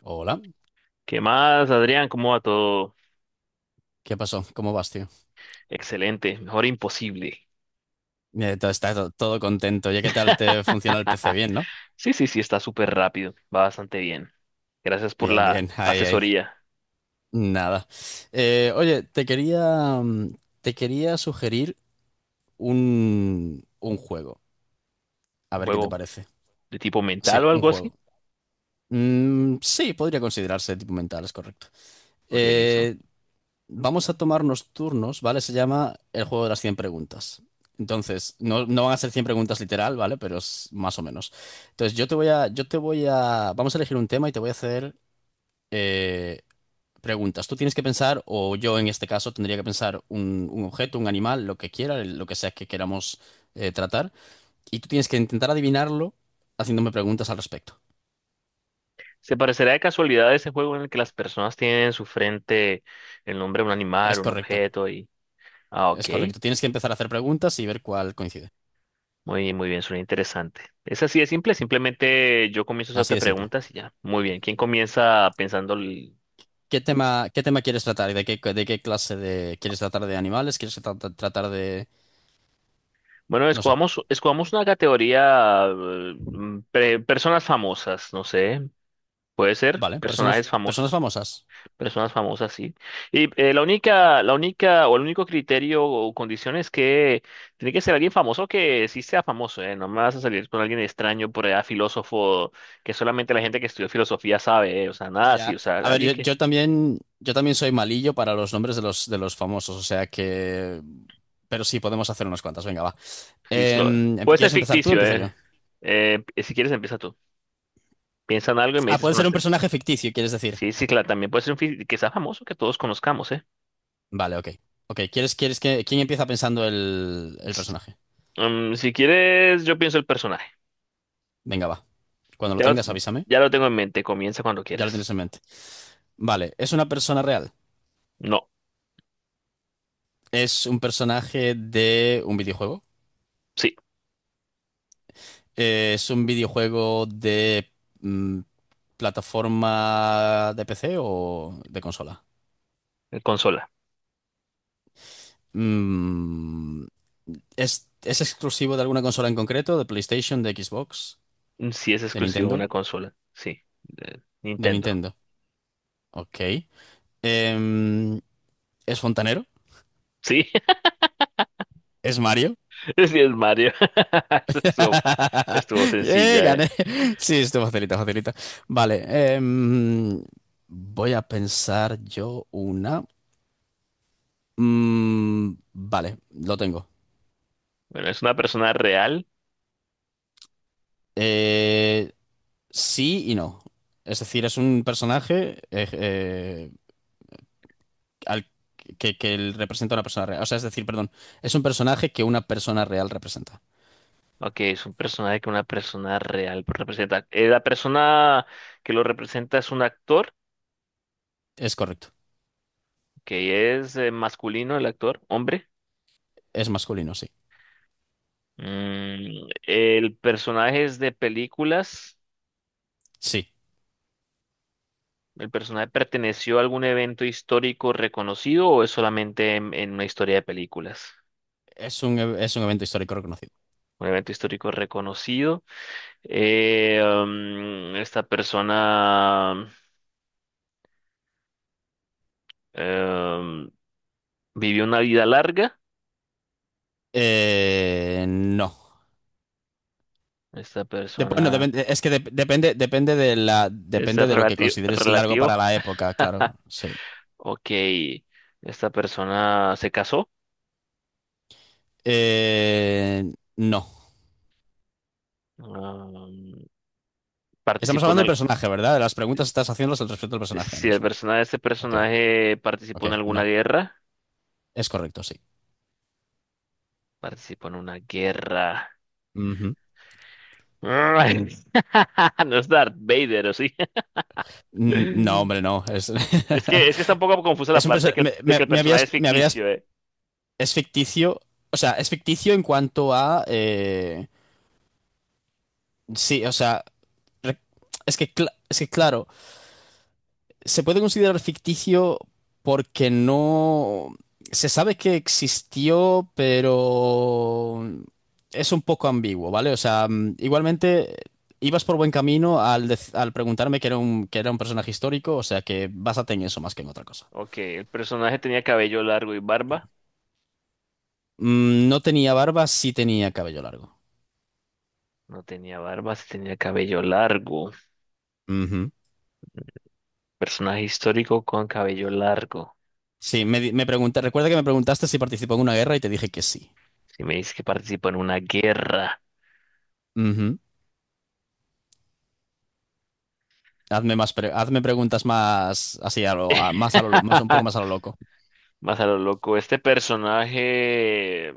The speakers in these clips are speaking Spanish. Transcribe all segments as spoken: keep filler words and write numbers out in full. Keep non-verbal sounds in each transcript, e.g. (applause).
Hola, ¿Qué más, Adrián? ¿Cómo va todo? ¿qué pasó? ¿Cómo vas, tío? Excelente, mejor imposible. Eh, todo, está to- todo contento. Oye, ¿qué tal te funciona el P C? (laughs) Bien, ¿no? Sí, sí, sí, está súper rápido, va bastante bien. Gracias por Bien, la bien, ahí, ahí. asesoría. Nada. Eh, oye, te quería, mm, te quería sugerir un, un juego. A ¿Un ver qué te juego parece. de tipo Sí, mental o un algo así? juego. Mm, sí, podría considerarse tipo mental, es correcto. Ok, listo. Eh, Vamos a tomarnos turnos, ¿vale? Se llama el juego de las cien preguntas. Entonces, no, no van a ser cien preguntas literal, ¿vale? Pero es más o menos. Entonces, yo te voy a, yo te voy a, vamos a elegir un tema y te voy a hacer eh, preguntas. Tú tienes que pensar, o yo en este caso tendría que pensar un, un objeto, un animal, lo que quiera, lo que sea que queramos eh, tratar. Y tú tienes que intentar adivinarlo haciéndome preguntas al respecto. ¿Se parecerá de casualidad a ese juego en el que las personas tienen en su frente el nombre de un animal, Es un correcto, objeto y... Ah, es ok. correcto. Tienes que empezar a hacer preguntas y ver cuál coincide. Muy bien, muy bien, suena interesante. Es así de simple, simplemente yo comienzo a Así hacerte de simple. preguntas y ya. Muy bien, ¿quién comienza pensando el? ¿Qué tema, ¿qué tema quieres tratar? ¿De qué, de qué clase de... ¿Quieres tratar de animales? ¿Quieres tra- tra- tratar de... Bueno, No sé. escogamos, escogamos una categoría, eh, mm, pre- personas famosas, no sé, puede ser, Vale, personas, personajes personas famosos, famosas. personas famosas, sí. Y eh, la única, la única, o el único criterio o condición es que tiene que ser alguien famoso que sí sea famoso, ¿eh? No me vas a salir con alguien extraño por allá, filósofo, que solamente la gente que estudió filosofía sabe, ¿eh? O sea, nada así, Ya. o sea, A ver, alguien yo, que, yo también, yo también soy malillo para los nombres de los, de los famosos, o sea que... Pero sí, podemos hacer unas cuantas, venga, va. listo, Em, em, puede ser ¿quieres empezar tú o ficticio, empiezo yo? ¿eh? Eh, si quieres, empieza tú, piensa en algo y me Ah, dices puede cuando ser un estés listo. personaje ficticio, quieres decir. Sí, sí, claro, también puede ser un fi- que sea famoso que todos conozcamos, ¿eh? Vale, ok. Ok, ¿quieres, ¿quieres que... ¿Quién empieza pensando el, el personaje? Mm, si quieres, yo pienso el personaje. Venga, va. Cuando lo Ya lo, tengas, avísame. ya lo tengo en mente, comienza cuando Ya lo quieras. tienes en mente. Vale, ¿es una persona real? No, Es un personaje de un videojuego. sí, Eh, es un videojuego de mm, plataforma de P C o de consola. eh, consola. Mm, ¿es, ¿es exclusivo de alguna consola en concreto? ¿De PlayStation, de Xbox, Mm, Sí, es de exclusivo de Nintendo? una consola, sí, de De Nintendo. Nintendo. Ok. Em, ¿es fontanero? Sí, ¿Es Mario? (laughs) sí, es Mario. (laughs) Eso Estuvo, estuvo (laughs) ¡Eh, sencilla, ¿eh? gané! Sí, esto facilita, facilita. Vale, em, voy a pensar yo una. Mm, vale, lo tengo. Bueno, es una persona real. Eh, sí y no. Es decir, es un personaje eh, eh, al que, que él representa a una persona real. O sea, es decir, perdón, es un personaje que una persona real representa. Ok, es un personaje que una persona real representa. Eh, la persona que lo representa es un actor, Es correcto. que es eh, masculino, el actor, hombre. Es masculino, sí. Mm, el personaje es de películas. Sí. ¿El personaje perteneció a algún evento histórico reconocido o es solamente en, en una historia de películas? Es un, e- es un evento histórico reconocido. Un evento histórico reconocido. Eh, um, esta persona em, vivió una vida larga. Eh, no. Esta Dep- bueno, persona, depende- es que dep- depende, depende de la, este, depende es de lo que relativo. consideres largo para Relativo. la época, (laughs) claro. Sí. Ok. Esta persona se casó. Eh, no. Um, Estamos Participó hablando del en. personaje, ¿verdad? De las preguntas estás haciéndolas al respecto del personaje ahora Si el mismo. personaje de este Ok, personaje participó ok, en alguna no. guerra, Es correcto, sí. participó en una guerra. Ujú. Ay, (laughs) no es Darth Vader, ¿o sí? Mm, No, (laughs) hombre, no. Es, Es que, es que está un poco (laughs) confusa la es un parte perso- que- me, de que me- el me personaje es habías, me habías. ficticio, ¿eh? Es ficticio. O sea, es ficticio en cuanto a. eh, sí, o sea. re- Es que, cla- es que claro. Se puede considerar ficticio porque no... Se sabe que existió, pero es un poco ambiguo, ¿vale? O sea, mm, igualmente ibas por buen camino al, dec- al preguntarme que era un, que era un personaje histórico, o sea que básate en eso más que en otra cosa. Ok, el personaje tenía cabello largo y barba. Mm, no tenía barba, sí tenía cabello largo. No tenía barba, sí tenía cabello largo. Ujú. Personaje histórico con cabello largo. Sí, me, di- me pregunta- recuerda que me preguntaste si participó en una guerra y te dije que sí. Si me dices que participó en una guerra. Ujú. Hazme más pre- hazme preguntas más así a lo, a- más a lo, lo- más un poco más a (laughs) lo loco. Más a lo loco, este personaje.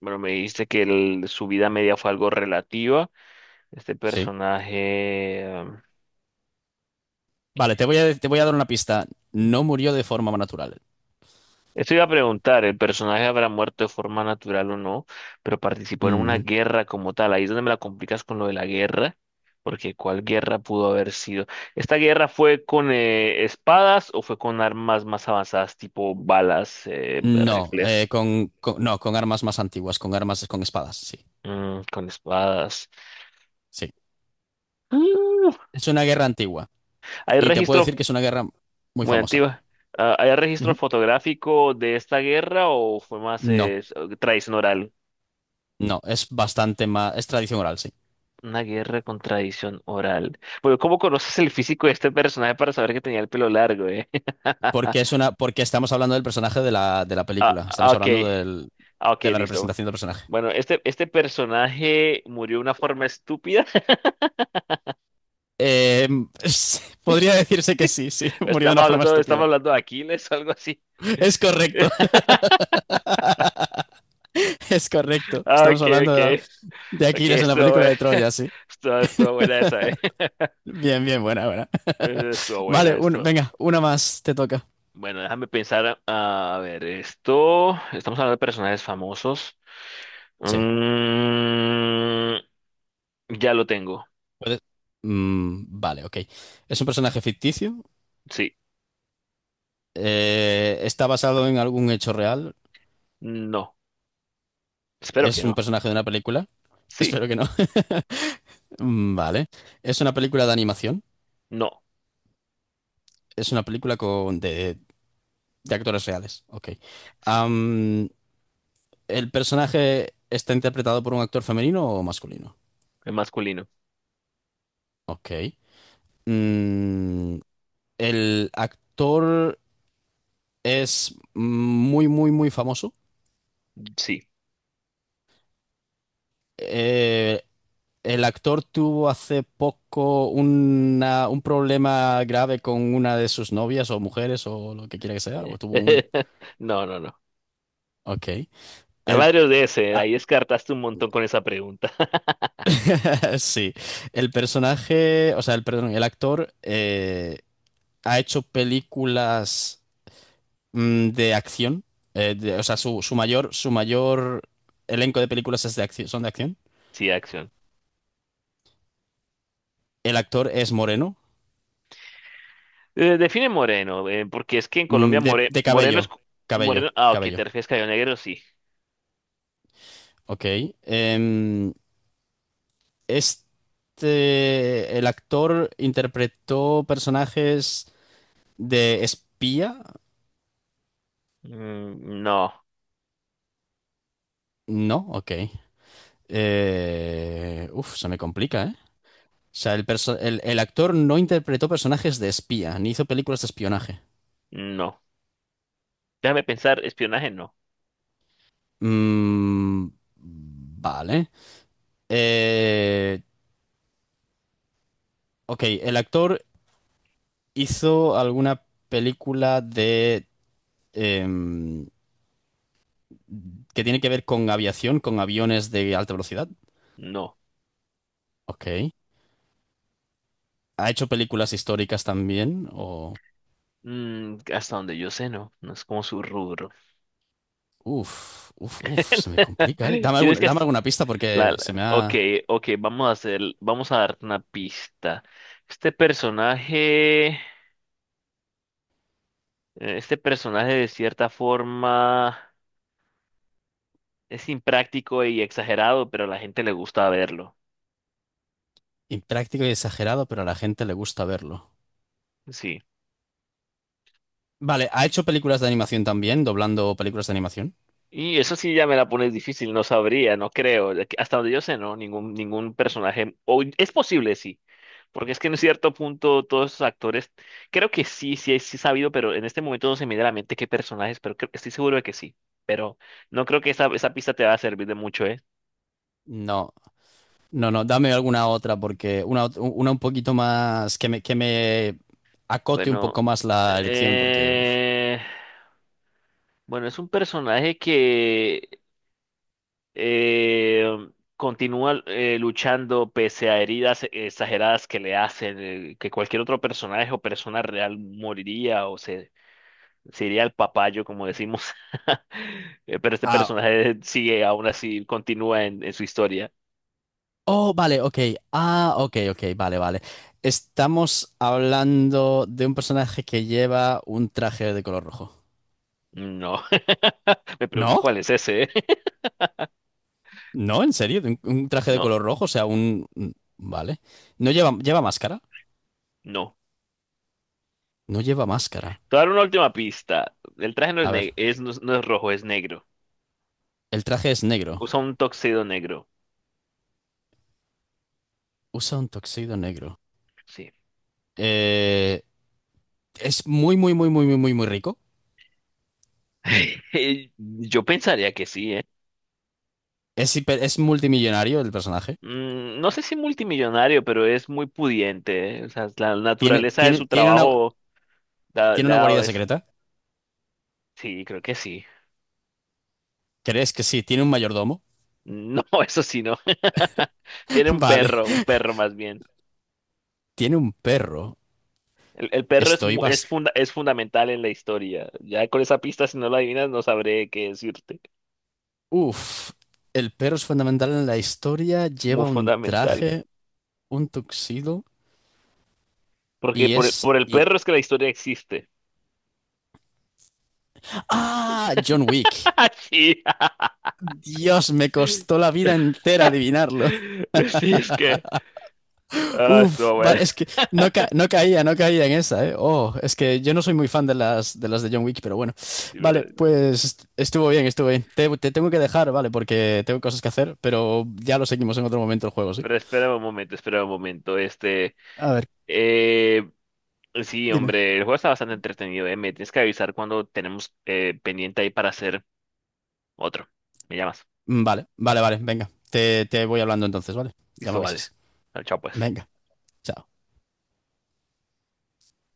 Bueno, me dijiste que el- su vida media fue algo relativa. Este Sí. personaje... em, Vale, te voy a, te voy a dar una pista. No murió de forma natural. Esto iba a preguntar, ¿el personaje habrá muerto de forma natural o no? Pero participó en una Mm, guerra como tal. Ahí es donde me la complicas con lo de la guerra, porque ¿cuál guerra pudo haber sido? ¿Esta guerra fue con eh, espadas o fue con armas más avanzadas, tipo balas, eh, no, eh, rifles? con, con- no, con armas más antiguas, con armas, con espadas, sí, Mm, con espadas. sí. Mm. Es una guerra antigua. ¿Hay Y te puedo decir registro? que es una guerra muy Muy famosa. antigua. Ah, ¿hay registro Ujú. fotográfico de esta guerra o fue más No, eh, s- tradición oral? no, es bastante más, es tradición oral, sí. Una guerra con tradición oral. Bueno, ¿cómo conoces el físico de este personaje para saber que tenía el pelo largo, eh? (laughs) Porque es una, porque estamos hablando del personaje de la, de la Ah, película. ah, Estamos ok. hablando del, Ah, ok, de la listo. representación del personaje. Bueno, este, este personaje murió de una forma estúpida. Eh, (laughs) podría decirse que sí, (laughs) sí, (laughs) murió de Estamos una forma hablando, estamos estúpida. hablando de Aquiles o algo así. Es correcto, (laughs) (laughs) es correcto. Ah, Estamos ok, hablando ok. de la, de Ok, Aquiles en la estuvo, película bu- de Troya, (laughs) sí. estuvo, estuvo buena esa, eh. (laughs) Bien, bien, buena, buena. (laughs) Eh, Estuvo buena, Vale, un- esto. venga, una más te toca. Bueno, déjame pensar. A, ver, esto. Estamos hablando de personajes famosos. Sí. Mm, ya lo tengo. puede- Mm, vale, ok. Es un personaje ficticio. Sí. Eh, está basado en algún hecho real. No. Espero que Es un no. personaje de una película. (laughs) Sí. Espero que no. (laughs) Mm, vale. Es una película de animación. No. Es una película con de, de actores reales. Ok. Sí. Am, ¿el personaje está interpretado por un actor femenino o masculino? Es masculino. Ok. Mm, el actor es muy, muy, muy famoso. Sí. Eh, el actor tuvo hace poco una- un problema grave con una de sus novias o mujeres o lo que quiera que sea. O tuvo un... (laughs) No, no, no. Ok. Hay El... varios de ese. ah, Ahí descartaste un montón con esa pregunta. (laughs) (laughs) sí. El personaje, o sea, el, perdón, el actor eh, ha hecho películas mm, de acción. Eh, de- o sea, su, su mayor, su mayor elenco de películas es de acción, son de acción. Sí, acción. El actor es moreno. Eh, define moreno, eh, porque es que en Colombia Mm, de, more- de moreno es... cabello, co- cabello, Moreno. Ah, ok, ¿te cabello. refieres a cabello negro? Sí. Ok. Em, este, el actor interpretó personajes de espía. Mm, no, No, ok. Eh, uf, se me complica, ¿eh? O sea, el, perso- el, el actor no interpretó personajes de espía, ni hizo películas de espionaje. no. Déjame pensar, espionaje no. Mm, vale. Eh, ok, el actor hizo alguna película de... em, que tiene que ver con aviación, con aviones de alta velocidad. No. Ok. ¿Ha hecho películas históricas también? O... Mm, hasta donde yo sé, no. No es como su rubro. Uf, uf, (laughs) uf, se me complica, ¿eh? Dame Tienes algún- que... dame hac- alguna pista La, porque se la- me Ok, ha ok, vamos a hacer... vamos a darte una pista. Este personaje... eh, Este personaje de cierta forma es impráctico y exagerado, pero a la gente le gusta verlo. impráctico y exagerado, pero a la gente le gusta verlo. Sí. Vale, ¿ha hecho películas de animación también, doblando películas de animación? Y eso sí ya me la pones difícil, no sabría, no creo. De que- Hasta donde yo sé, no, ningún, ningún personaje. O es posible, sí. Porque es que en cierto punto todos esos actores, creo que sí, sí, sí he sabido, pero en este momento no se me viene a la mente qué personajes, pero creo- estoy seguro de que sí. Pero no creo que esa, esa pista te va a servir de mucho, ¿eh? No, no, no, dame alguna otra porque una, ot- una un poquito más que me, que me acote un Bueno, poco más la elección porque, uf. eh, bueno, es un personaje que Eh, continúa eh, luchando pese a heridas exageradas que le hacen, eh, que cualquier otro personaje o persona real moriría o se, se iría al papayo, como decimos. (laughs) Eh, Pero este Ah, personaje sigue, aún así, continúa en, en su historia. oh, vale, ok. Ah, ok, ok, vale, vale. Estamos hablando de un personaje que lleva un traje de color rojo. No. (laughs) Me pregunto ¿No? cuál es ese. eh. (laughs) ¿No? ¿En serio? ¿Un, ¿un traje de No, color rojo? O sea, un... un- Vale. ¿No lleva, ¿lleva máscara? no. No lleva máscara. Te voy a dar una última pista. El traje no es, A ver, ne- es- no es no es rojo, es negro. el traje es negro. Usa un tuxedo negro. Usa un tuxedo negro. Sí. Eh, es muy, muy, muy, muy, muy, muy, muy rico. (laughs) Yo pensaría que sí, ¿eh? Es, hiper- es multimillonario el personaje. Mm, no sé si multimillonario, pero es muy pudiente, ¿eh? O sea, la Tiene, naturaleza de tiene, su tiene una, trabajo da- tiene le una ha dado guarida eso. secreta. Sí, creo que sí. ¿Crees que sí? ¿Tiene un mayordomo? No, (laughs) eso sí, no. (laughs) Tiene (laughs) un Vale. perro, un perro más bien. Tiene un perro. El, el perro es, Estoy mu- es, bast... funda- es fundamental en la historia. Ya con esa pista, si no la adivinas, no sabré qué decirte. Uf. El perro es fundamental en la historia. Muy Lleva un fundamental. traje, un tuxedo Porque y por el, es... por el y- perro es que la historia existe. ¡Ah! John Wick. (laughs) Sí, Dios, me costó la vida entera adivinarlo. (laughs) sí, es que. (laughs) Ah, Uf, estuvo va- bueno. es que no, ca- no caía, no caía en esa, ¿eh? Oh, es que yo no soy muy fan de las, de las de John Wick, pero bueno. Sí, pero, Vale, pues est- estuvo bien, estuvo bien. Te, te tengo que dejar, vale, porque tengo cosas que hacer, pero ya lo seguimos en otro momento el juego, ¿sí? pero espera un momento, espera un momento. Este. A ver, Eh, sí, dime. hombre, el juego está bastante entretenido, eh. Me tienes que avisar cuando tenemos eh, pendiente ahí para hacer otro. Me llamas. Vale, vale, vale, venga. Te, te voy hablando entonces, ¿vale? Ya me Listo, vale. avisas. Chao, pues. Venga, chao.